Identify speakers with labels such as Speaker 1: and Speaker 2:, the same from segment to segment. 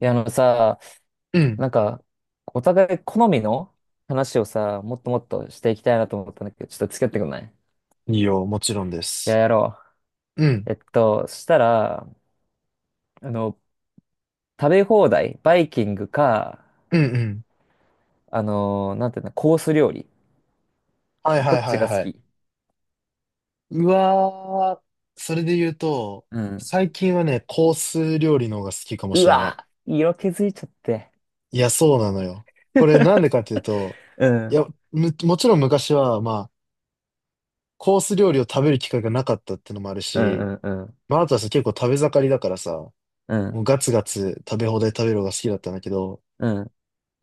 Speaker 1: いや、あのさ、
Speaker 2: うん。
Speaker 1: なんか、お互い好みの話をさ、もっともっとしていきたいなと思ったんだけど、ちょっと付き合ってくんないい？
Speaker 2: いいよ、もちろんで
Speaker 1: や、
Speaker 2: す。
Speaker 1: やろ
Speaker 2: うん、
Speaker 1: う。そしたら、あの、食べ放題、バイキングか、
Speaker 2: うん、うん。
Speaker 1: なんていうの、コース料理。
Speaker 2: はい
Speaker 1: ど
Speaker 2: はい
Speaker 1: っ
Speaker 2: は
Speaker 1: ち
Speaker 2: い
Speaker 1: が好
Speaker 2: はい。
Speaker 1: き？
Speaker 2: うわー、それで言うと、
Speaker 1: うん。
Speaker 2: 最近はね、コース料理の方が好きかも
Speaker 1: う
Speaker 2: しれない。
Speaker 1: わ、色気づいちゃって。
Speaker 2: いや、そうなのよ。これなんで かっていうと、
Speaker 1: う
Speaker 2: い
Speaker 1: ん。
Speaker 2: や、もちろん昔は、まあ、コース料理を食べる機会がなかったってのもある
Speaker 1: う
Speaker 2: し、
Speaker 1: んうんうん。
Speaker 2: まあ、あとはさ、結構食べ盛りだからさ、
Speaker 1: う
Speaker 2: もう
Speaker 1: ん。
Speaker 2: ガツガツ食べ放題食べるのが好きだったんだけど、
Speaker 1: うん。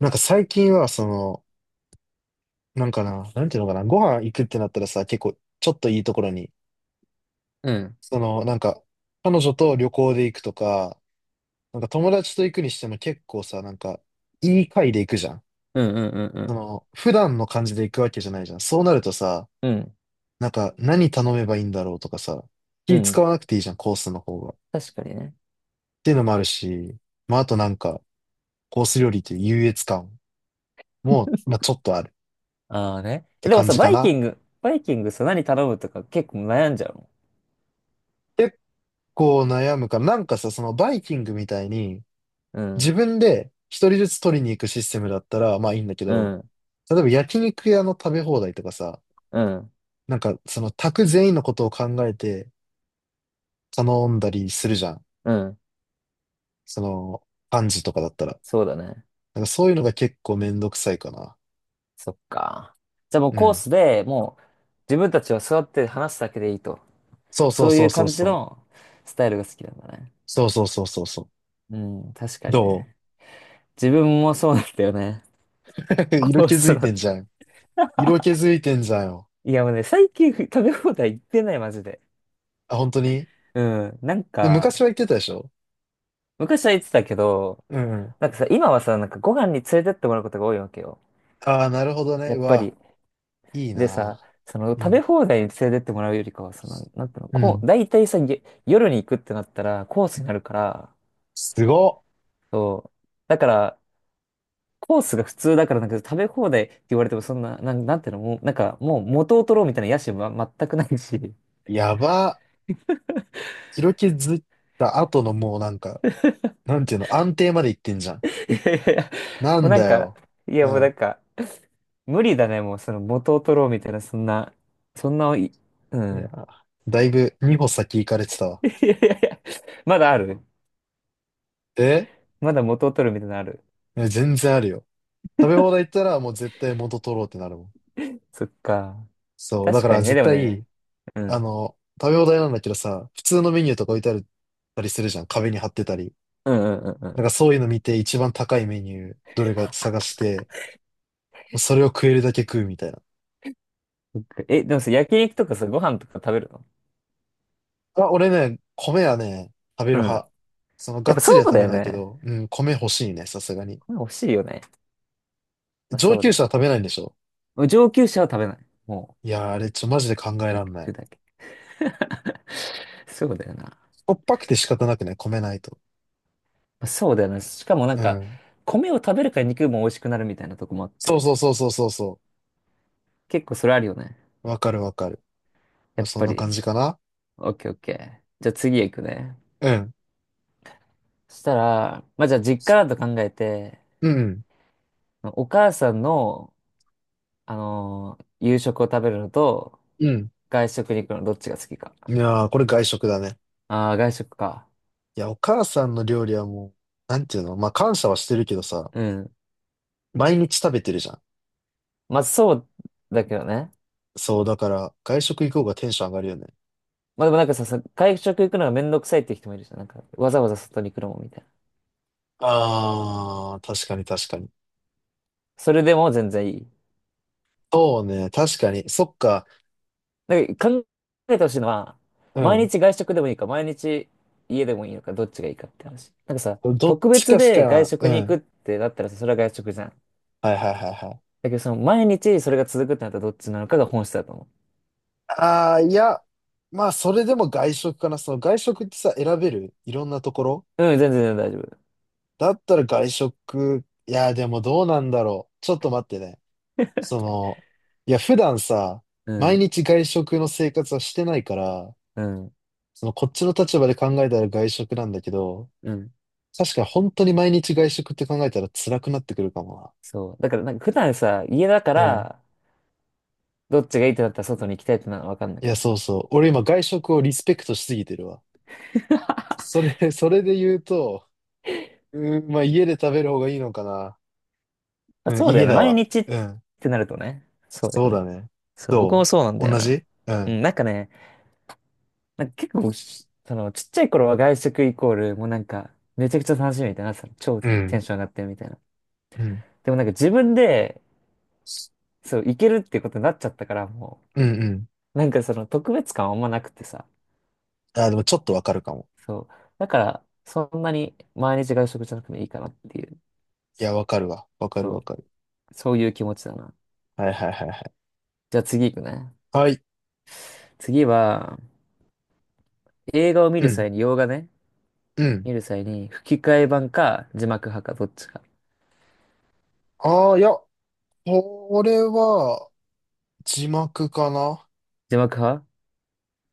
Speaker 2: なんか最近は、その、なんかな、なんていうのかな、ご飯行くってなったらさ、結構、ちょっといいところに、
Speaker 1: うん。
Speaker 2: その、なんか、彼女と旅行で行くとか、なんか友達と行くにしても結構さ、なんか、いい回で行くじゃん。
Speaker 1: うんうんう
Speaker 2: そ
Speaker 1: ん
Speaker 2: の、普段の感じで行くわけじゃないじゃん。そうなるとさ、
Speaker 1: うん。うん。
Speaker 2: なんか、何頼めばいいんだろうとかさ、
Speaker 1: う
Speaker 2: 気使
Speaker 1: ん。
Speaker 2: わなくていいじゃん、コースの方が。っ
Speaker 1: 確かにね。
Speaker 2: ていうのもあるし、まあ、あとなんか、コース料理っていう優越感も、まあ、ちょっとあるっ
Speaker 1: ああね。え
Speaker 2: て
Speaker 1: でも
Speaker 2: 感
Speaker 1: さ、
Speaker 2: じか
Speaker 1: バイキ
Speaker 2: な。
Speaker 1: ング、バイキングさ、何頼むとか結構悩んじゃうの？
Speaker 2: 結構悩むから、なんかさ、そのバイキングみたいに、
Speaker 1: う
Speaker 2: 自
Speaker 1: ん、
Speaker 2: 分で一人ずつ取りに行くシステムだったら、まあいいんだけ
Speaker 1: う
Speaker 2: ど、
Speaker 1: ん、
Speaker 2: 例えば焼肉屋の食べ放題とかさ、
Speaker 1: うん、
Speaker 2: なんかその宅全員のことを考えて頼んだりするじゃん。
Speaker 1: うん。
Speaker 2: その、パンジとかだったら。
Speaker 1: そうだね。
Speaker 2: なんかそういうのが結構めんどくさいかな。
Speaker 1: そっか。じゃあもう
Speaker 2: う
Speaker 1: コー
Speaker 2: ん。
Speaker 1: スでもう自分たちは座って話すだけでいいと。
Speaker 2: そうそう
Speaker 1: そうい
Speaker 2: そう
Speaker 1: う
Speaker 2: そう
Speaker 1: 感じ
Speaker 2: そう。
Speaker 1: のスタイルが好きなんだね。
Speaker 2: そうそうそうそうそう。
Speaker 1: うん、確か
Speaker 2: ど
Speaker 1: にね。自分もそうなんだよね。コ
Speaker 2: 色
Speaker 1: ー
Speaker 2: 気づ
Speaker 1: ス
Speaker 2: い
Speaker 1: だっ
Speaker 2: てん
Speaker 1: て。
Speaker 2: じゃん。色気 づいてんじゃんよ。
Speaker 1: いやもうね、最近食べ放題行ってない、マジで。
Speaker 2: あ、本当に。
Speaker 1: うん、なん
Speaker 2: で、
Speaker 1: か、
Speaker 2: 昔は言ってたでしょ。
Speaker 1: 昔は行ってたけど、
Speaker 2: うんうん。
Speaker 1: なんかさ、今はさ、なんかご飯に連れてってもらうことが多いわけよ。
Speaker 2: ああ、なるほどね。
Speaker 1: やっ
Speaker 2: う
Speaker 1: ぱ
Speaker 2: わ、
Speaker 1: り。
Speaker 2: いい
Speaker 1: でさ、
Speaker 2: な。
Speaker 1: その
Speaker 2: う
Speaker 1: 食べ
Speaker 2: ん。
Speaker 1: 放題に連れてってもらうよりかは、その、なんていうの、
Speaker 2: う
Speaker 1: こ
Speaker 2: ん。
Speaker 1: う、大体さ、夜に行くってなったらコースになるから、
Speaker 2: すごっ。
Speaker 1: そう。だから、コースが普通だから、なんか食べ放題って言われてもそんな、なんていうの、もう、なんかもう元を取ろうみたいな野心は全くないし。い
Speaker 2: やば。広気ずった後のもうなんか、なんていうの、安定まで行ってんじゃん。
Speaker 1: やいやいや、
Speaker 2: な
Speaker 1: もう
Speaker 2: ん
Speaker 1: なん
Speaker 2: だ
Speaker 1: か、
Speaker 2: よ。
Speaker 1: いや
Speaker 2: う
Speaker 1: もうな
Speaker 2: ん。
Speaker 1: んか、無理だね、もうその元を取ろうみたいな、そんな、そんな、う
Speaker 2: いや
Speaker 1: ん。
Speaker 2: ー、だいぶ2歩先行かれてたわ。
Speaker 1: いやいやいや、まだある。
Speaker 2: え
Speaker 1: まだ元を取るみたいなのある。
Speaker 2: え全然あるよ。食べ放題行ったらもう絶対元取ろうってなるもん。
Speaker 1: そっか。
Speaker 2: そう。だ
Speaker 1: 確
Speaker 2: か
Speaker 1: か
Speaker 2: ら
Speaker 1: にね、
Speaker 2: 絶
Speaker 1: でもね。
Speaker 2: 対、
Speaker 1: う
Speaker 2: あ
Speaker 1: ん。
Speaker 2: の、食べ放題なんだけどさ、普通のメニューとか置いてあるたりするじゃん。壁に貼ってたり。
Speaker 1: うんうんうんう
Speaker 2: なんか
Speaker 1: ん。
Speaker 2: そういうの見て一番高いメニュー、どれか探して、それを食えるだけ食うみたいな。
Speaker 1: そっか。でもさ、焼肉とかさ、ご飯とか食べるの？
Speaker 2: あ、俺ね、米はね、食べ
Speaker 1: う
Speaker 2: る
Speaker 1: ん。
Speaker 2: 派。その、
Speaker 1: や
Speaker 2: が
Speaker 1: っ
Speaker 2: っ
Speaker 1: ぱそ
Speaker 2: つりは
Speaker 1: う
Speaker 2: 食
Speaker 1: だ
Speaker 2: べ
Speaker 1: よ
Speaker 2: ないけ
Speaker 1: ね。
Speaker 2: ど、うん、米欲しいね、さすがに。
Speaker 1: これ欲しいよね。まあ、
Speaker 2: 上
Speaker 1: そう
Speaker 2: 級
Speaker 1: だ
Speaker 2: 者
Speaker 1: よ。
Speaker 2: は食べないんでしょ。
Speaker 1: もう上級者は食べない。も
Speaker 2: いやー、あれ、マジで考え
Speaker 1: う、
Speaker 2: らんない。
Speaker 1: 肉だけ。そうだよな。ま
Speaker 2: しょっぱくて仕方なくね、米ないと。
Speaker 1: あ、そうだよな。しかもなん
Speaker 2: う
Speaker 1: か、
Speaker 2: ん。
Speaker 1: 米を食べるから肉も美味しくなるみたいなとこもあっ
Speaker 2: そう
Speaker 1: て。
Speaker 2: そうそうそうそうそ
Speaker 1: 結構それあるよね。
Speaker 2: う。わかるわかる。ま
Speaker 1: や
Speaker 2: あ、
Speaker 1: っ
Speaker 2: そん
Speaker 1: ぱ
Speaker 2: な感
Speaker 1: り。
Speaker 2: じかな。
Speaker 1: オッケーオッケー。じゃあ次へ行くね。
Speaker 2: うん。
Speaker 1: そしたら、まあじゃあ実家だと考えて、
Speaker 2: うん。
Speaker 1: お母さんの夕食を食べるのと、
Speaker 2: うん。
Speaker 1: 外食に行くのどっちが好きか？
Speaker 2: いやー、これ外食だね。
Speaker 1: ああ、外食か。
Speaker 2: いや、お母さんの料理はもう、なんていうのまあ、感謝はしてるけどさ、
Speaker 1: うん。
Speaker 2: 毎日食べてるじゃん。
Speaker 1: まあ、そうだけどね。
Speaker 2: そう、だから、外食行こうがテンション上がるよね。
Speaker 1: まあ、でもなんかさ、外食行くのがめんどくさいって人もいるじゃん。なんか、わざわざ外に行くのもみたいな。
Speaker 2: あー、確かに確かに。
Speaker 1: それでも全然いい。
Speaker 2: そうね、確かに。そっか。
Speaker 1: なんか、考えてほしいのは、
Speaker 2: う
Speaker 1: 毎
Speaker 2: ん。
Speaker 1: 日外食でもいいか、毎日家でもいいのか、どっちがいいかって話。なんかさ、
Speaker 2: どっ
Speaker 1: 特
Speaker 2: ち
Speaker 1: 別
Speaker 2: かし
Speaker 1: で外
Speaker 2: か、う
Speaker 1: 食に行く
Speaker 2: ん。
Speaker 1: ってなったらさ、それは外食じゃん。だ
Speaker 2: はいはいはいはい。
Speaker 1: けど、その、毎日それが続くってなったらどっちなのかが本質だと思
Speaker 2: ああ、いや、まあ、それでも外食かな。その外食ってさ、選べるいろんなところ
Speaker 1: う。うん、全然全然大丈夫。
Speaker 2: だったら外食。いや、でもどうなんだろう。ちょっと待ってね。その、いや、普段さ、
Speaker 1: う
Speaker 2: 毎
Speaker 1: ん。
Speaker 2: 日外食の生活はしてないから、
Speaker 1: うん。
Speaker 2: その、こっちの立場で考えたら外食なんだけど、
Speaker 1: うん。
Speaker 2: 確かに本当に毎日外食って考えたら辛くなってくるかも
Speaker 1: そう。だから、なんか普段さ、家だか
Speaker 2: な。
Speaker 1: ら、どっちがいいってなったら外に行きたいってなのはわかんだ
Speaker 2: い
Speaker 1: け
Speaker 2: や、
Speaker 1: ど
Speaker 2: そう
Speaker 1: さ。
Speaker 2: そう。俺今外食をリスペクトしすぎてるわ。それ、それで言うと、うん、まあ家で食べる方がいいのかな。
Speaker 1: あ、
Speaker 2: うん、
Speaker 1: そうだ
Speaker 2: 家
Speaker 1: よね。
Speaker 2: だ
Speaker 1: 毎
Speaker 2: わ。
Speaker 1: 日っ
Speaker 2: うん。
Speaker 1: てなるとね。そうだ
Speaker 2: そう
Speaker 1: よ
Speaker 2: だ
Speaker 1: ね。
Speaker 2: ね。
Speaker 1: そう、僕も
Speaker 2: ど
Speaker 1: そうなんだよ
Speaker 2: 同
Speaker 1: な。
Speaker 2: じう
Speaker 1: う
Speaker 2: ん。
Speaker 1: ん、なんかね、なんか結構その、ちっちゃい頃は外食イコール、もうなんか、めちゃくちゃ楽しみみたいな、その超
Speaker 2: う
Speaker 1: テ
Speaker 2: ん。
Speaker 1: ンション上がってるみたいな。
Speaker 2: うん。
Speaker 1: でもなんか自分で、そう、行けるってことになっちゃったから、も
Speaker 2: うんうん。
Speaker 1: う、なんかその特別感はあんまなくてさ。
Speaker 2: あ、でもちょっとわかるかも。
Speaker 1: そう。だから、そんなに毎日外食じゃなくてもいいかなっていう。
Speaker 2: いや、わかるわ。わかるわ
Speaker 1: そ
Speaker 2: かる。
Speaker 1: う、そういう気持ちだな。
Speaker 2: はいはいはいはい。
Speaker 1: じゃあ次行くね。
Speaker 2: はい。
Speaker 1: 次は、映画を見
Speaker 2: う
Speaker 1: る
Speaker 2: ん。
Speaker 1: 際に、洋画ね、
Speaker 2: うん。
Speaker 1: 見る際に、吹き替え版か字幕派か、どっちか？
Speaker 2: ああ、いや、これは字幕かな。
Speaker 1: 字幕派？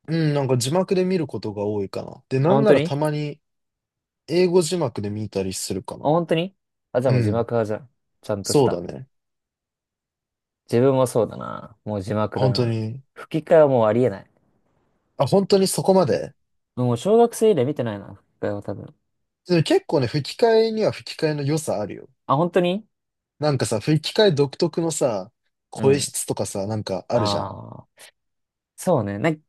Speaker 2: うん、なんか字幕で見ることが多いかな。で、な
Speaker 1: あ、
Speaker 2: ん
Speaker 1: 本
Speaker 2: な
Speaker 1: 当
Speaker 2: ら
Speaker 1: に？
Speaker 2: たまに英語字幕で見たりするか
Speaker 1: あ、
Speaker 2: な。
Speaker 1: 本当に？あ、じゃあ
Speaker 2: う
Speaker 1: もう字
Speaker 2: ん。
Speaker 1: 幕派じゃん。ちゃんとし
Speaker 2: そうだ
Speaker 1: た。
Speaker 2: ね。
Speaker 1: 自分もそうだな。もう字幕だ
Speaker 2: 本当
Speaker 1: な。
Speaker 2: に。
Speaker 1: 吹き替えはもうありえない。
Speaker 2: あ、本当にそこまで。
Speaker 1: もう小学生以来見てないな、吹き替えは多分。
Speaker 2: でも結構ね、吹き替えには吹き替えの良さあるよ。
Speaker 1: あ、本当に？
Speaker 2: なんかさ、吹き替え独特のさ、
Speaker 1: う
Speaker 2: 声
Speaker 1: ん。
Speaker 2: 質とかさ、なんかあるじゃん。
Speaker 1: ああ、そうね。で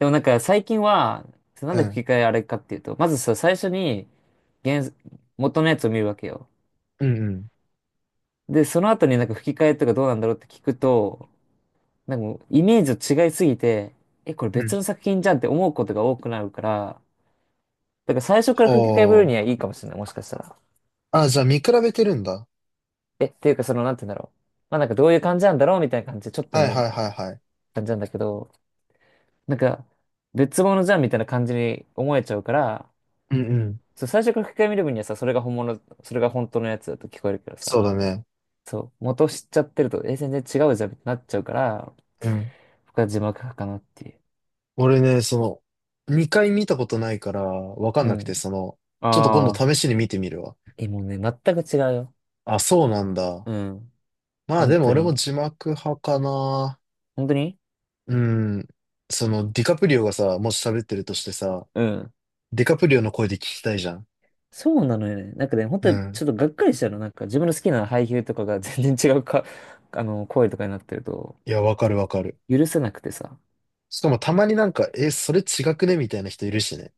Speaker 1: もなんか最近は、なん
Speaker 2: う
Speaker 1: で
Speaker 2: ん。
Speaker 1: 吹き替えあれかっていうと、まずさ、最初に原、元のやつを見るわけよ。
Speaker 2: うんうん。
Speaker 1: で、その後になんか吹き替えとかどうなんだろうって聞くと、なんかもうイメージと違いすぎて、え、これ
Speaker 2: うん。
Speaker 1: 別の作品じゃんって思うことが多くなるから、だから最初から吹き替えぶる
Speaker 2: お
Speaker 1: に
Speaker 2: ー。
Speaker 1: はいいかもしれない、もしかしたら。
Speaker 2: あ、じゃあ見比べてるんだ。
Speaker 1: え、っていうかその、なんて言うんだろう。まあなんかどういう感じなんだろうみたいな感じでちょっと
Speaker 2: は
Speaker 1: 見
Speaker 2: い
Speaker 1: るみ
Speaker 2: はい
Speaker 1: たいな
Speaker 2: はいはい。
Speaker 1: 感じなんだけど、なんか別物じゃんみたいな感じに思えちゃうから、
Speaker 2: うんうん。
Speaker 1: そう、最初から吹き替え見る分にはさ、それが本物、それが本当のやつだと聞こえるけど
Speaker 2: そ
Speaker 1: さ、
Speaker 2: うだね。
Speaker 1: そう、元を知っちゃってると、え、全然違うじゃんってなっちゃうから、
Speaker 2: うん。
Speaker 1: 僕は字幕派かなっていう。
Speaker 2: 俺ね、その、2回見たことないから、わかん
Speaker 1: う
Speaker 2: なくて、
Speaker 1: ん。
Speaker 2: その、ちょっと今
Speaker 1: あ
Speaker 2: 度
Speaker 1: あ、
Speaker 2: 試しに見てみるわ。
Speaker 1: え、もうね、全く違うよ。
Speaker 2: あ、そうなんだ。
Speaker 1: うん。
Speaker 2: まあ
Speaker 1: 本
Speaker 2: でも
Speaker 1: 当
Speaker 2: 俺も
Speaker 1: に。
Speaker 2: 字幕派かな。
Speaker 1: 本当に。
Speaker 2: うん。その、ディカプリオがさ、もし喋ってるとしてさ、
Speaker 1: うん。
Speaker 2: ディカプリオの声で聞きたいじゃん。
Speaker 1: そうなのよね。なんかね、本
Speaker 2: う
Speaker 1: 当に
Speaker 2: ん。
Speaker 1: ちょっとがっかりしたの。なんか自分の好きな俳優とかが全然違うか、声とかになってると、
Speaker 2: いや、わかるわかる。
Speaker 1: 許せなくてさ。
Speaker 2: しかもたまになんか、え、それ違くねみたいな人いるしね。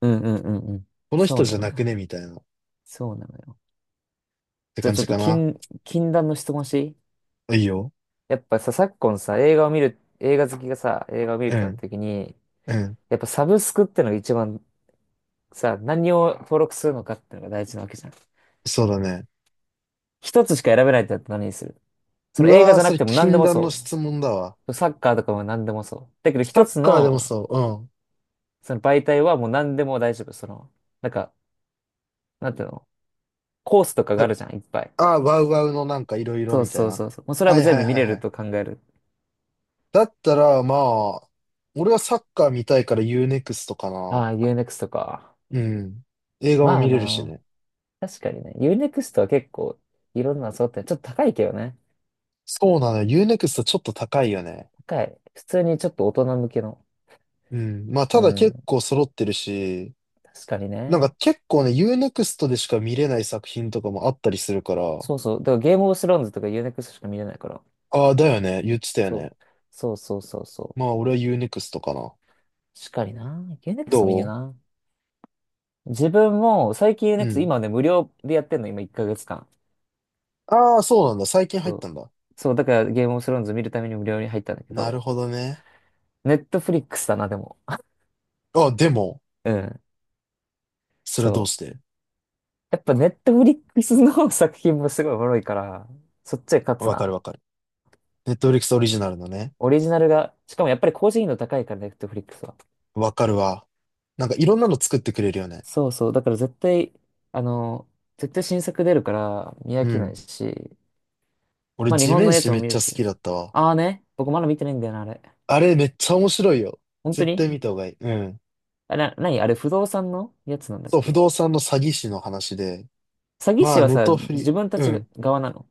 Speaker 1: うんうんうんうん。
Speaker 2: この
Speaker 1: そ
Speaker 2: 人
Speaker 1: う
Speaker 2: じ
Speaker 1: な
Speaker 2: ゃ
Speaker 1: の
Speaker 2: なく
Speaker 1: よ。
Speaker 2: ねみたいな。っ
Speaker 1: そうなのよ。
Speaker 2: て
Speaker 1: じゃあ
Speaker 2: 感
Speaker 1: ちょ
Speaker 2: じ
Speaker 1: っと
Speaker 2: かな。
Speaker 1: 禁断の質問していい？
Speaker 2: いいよ。
Speaker 1: やっぱさ、昨今さ、映画を見る、映画好きがさ、映画を見るっ
Speaker 2: う
Speaker 1: てなった
Speaker 2: ん。
Speaker 1: 時に、
Speaker 2: うん。
Speaker 1: やっぱサブスクってのが一番さ、何を登録するのかってのが大事なわけじゃん。
Speaker 2: そうだね。
Speaker 1: 一つしか選べないってなったら何にする？そ
Speaker 2: う
Speaker 1: の映画
Speaker 2: わー、
Speaker 1: じゃな
Speaker 2: そ
Speaker 1: く
Speaker 2: れ
Speaker 1: ても何で
Speaker 2: 禁
Speaker 1: も
Speaker 2: 断の
Speaker 1: そ
Speaker 2: 質問だわ。
Speaker 1: う。サッカーとかも何でもそう。だけど
Speaker 2: サ
Speaker 1: 一
Speaker 2: ッ
Speaker 1: つ
Speaker 2: カーでも
Speaker 1: の、
Speaker 2: そう。うん。
Speaker 1: その媒体はもう何でも大丈夫。その、なんか、なんていうの、コースとかがあるじゃん、いっぱい。
Speaker 2: あ、あ、ワウワウのなんかいろいろ
Speaker 1: そう
Speaker 2: みたい
Speaker 1: そう
Speaker 2: な。
Speaker 1: そうそう。もうそれ
Speaker 2: は
Speaker 1: は
Speaker 2: い
Speaker 1: 全
Speaker 2: はい
Speaker 1: 部見
Speaker 2: はい
Speaker 1: れ
Speaker 2: は
Speaker 1: る
Speaker 2: い。
Speaker 1: と考える。
Speaker 2: だったら、まあ、俺はサッカー見たいから Uネクストか
Speaker 1: あ
Speaker 2: な。
Speaker 1: あ、UNEXT か。
Speaker 2: うん。映画も
Speaker 1: ま
Speaker 2: 見
Speaker 1: あ
Speaker 2: れるし
Speaker 1: な。
Speaker 2: ね。
Speaker 1: 確かにね。u n ク x トは結構いろんなの揃ってる、ちょっと高いけどね。
Speaker 2: そうなのよ。u n ク x トちょっと高いよね。
Speaker 1: 高い。普通にちょっと大人向けの。
Speaker 2: うん。まあ、た
Speaker 1: う
Speaker 2: だ結
Speaker 1: ん。
Speaker 2: 構揃ってるし、
Speaker 1: 確かに
Speaker 2: なん
Speaker 1: ね。
Speaker 2: か結構ね、u n ク x トでしか見れない作品とかもあったりするから、
Speaker 1: そうそう。だからゲームオブスローンズとか u n ク x トしか見れないから。
Speaker 2: ああ、だよね。言ってたよ
Speaker 1: そ
Speaker 2: ね。
Speaker 1: う。そうそうそうそ
Speaker 2: ま
Speaker 1: う。
Speaker 2: あ、俺は u n ク x トかな。
Speaker 1: っかりな。
Speaker 2: ど
Speaker 1: Unext もいいよ
Speaker 2: う
Speaker 1: な。自分も、最近 u n e
Speaker 2: う
Speaker 1: x
Speaker 2: ん。
Speaker 1: 今ね、無料でやってんの、今1ヶ月間。
Speaker 2: ああ、そうなんだ。最近入っ
Speaker 1: そう、
Speaker 2: たんだ。
Speaker 1: そうだからゲームオブスローンズ見るために無料に入ったんだけ
Speaker 2: なる
Speaker 1: ど、
Speaker 2: ほどね。
Speaker 1: ネットフリックスだな、でも。
Speaker 2: あ、でも、
Speaker 1: うん。
Speaker 2: それはどう
Speaker 1: そ
Speaker 2: し
Speaker 1: う。
Speaker 2: て。
Speaker 1: やっぱネットフリックスの 作品もすごいおもろいから、そっちで勝つ
Speaker 2: わかる
Speaker 1: な。
Speaker 2: わかる。Netflix オリジナルのね。
Speaker 1: オリジナルが、しかもやっぱり高頻度高いから、ネットフリックスは。
Speaker 2: わかるわ。なんかいろんなの作ってくれるよね。
Speaker 1: そうそう。だから絶対、あの、絶対新作出るから見飽
Speaker 2: う
Speaker 1: きな
Speaker 2: ん。
Speaker 1: いし、
Speaker 2: 俺、
Speaker 1: まあ日
Speaker 2: 地
Speaker 1: 本の
Speaker 2: 面
Speaker 1: や
Speaker 2: 師
Speaker 1: つも
Speaker 2: めっ
Speaker 1: 見
Speaker 2: ち
Speaker 1: る
Speaker 2: ゃ好
Speaker 1: し。
Speaker 2: きだったわ。
Speaker 1: ああね、僕まだ見てないんだよな、あれ。
Speaker 2: あれめっちゃ面白いよ。
Speaker 1: 本当
Speaker 2: 絶対
Speaker 1: に？
Speaker 2: 見た方がいい。うん。
Speaker 1: なにあれ、不動産のやつなんだっ
Speaker 2: そう、不
Speaker 1: け？
Speaker 2: 動産の詐欺師の話で。
Speaker 1: 詐欺
Speaker 2: ま
Speaker 1: 師
Speaker 2: あ、
Speaker 1: は
Speaker 2: ネ
Speaker 1: さ、
Speaker 2: トフリ、
Speaker 1: 自分た
Speaker 2: う
Speaker 1: ちが
Speaker 2: ん。
Speaker 1: 側なの？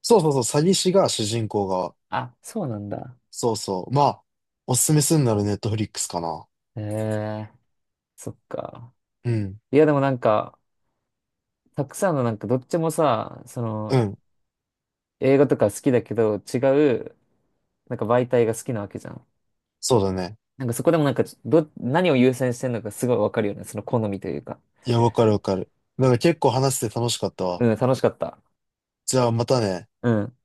Speaker 2: そうそうそう、詐欺師が主人公が。
Speaker 1: あ、そうなんだ。
Speaker 2: そうそう。まあ、おすすめするならネットフリックスかな。
Speaker 1: へえ、そっか。
Speaker 2: うん。
Speaker 1: いや、でもなんか、たくさんのなんか、どっちもさ、そ
Speaker 2: う
Speaker 1: の、
Speaker 2: ん。
Speaker 1: 映画とか好きだけど、違う、なんか媒体が好きなわけじゃん。
Speaker 2: そうだね。
Speaker 1: なんかそこでもなんか、何を優先してんのかすごいわかるよね。その好みというか。
Speaker 2: いや、わかるわかる。なんか結構話して楽しかったわ。
Speaker 1: うん、楽しかった。
Speaker 2: じゃあまたね。
Speaker 1: うん。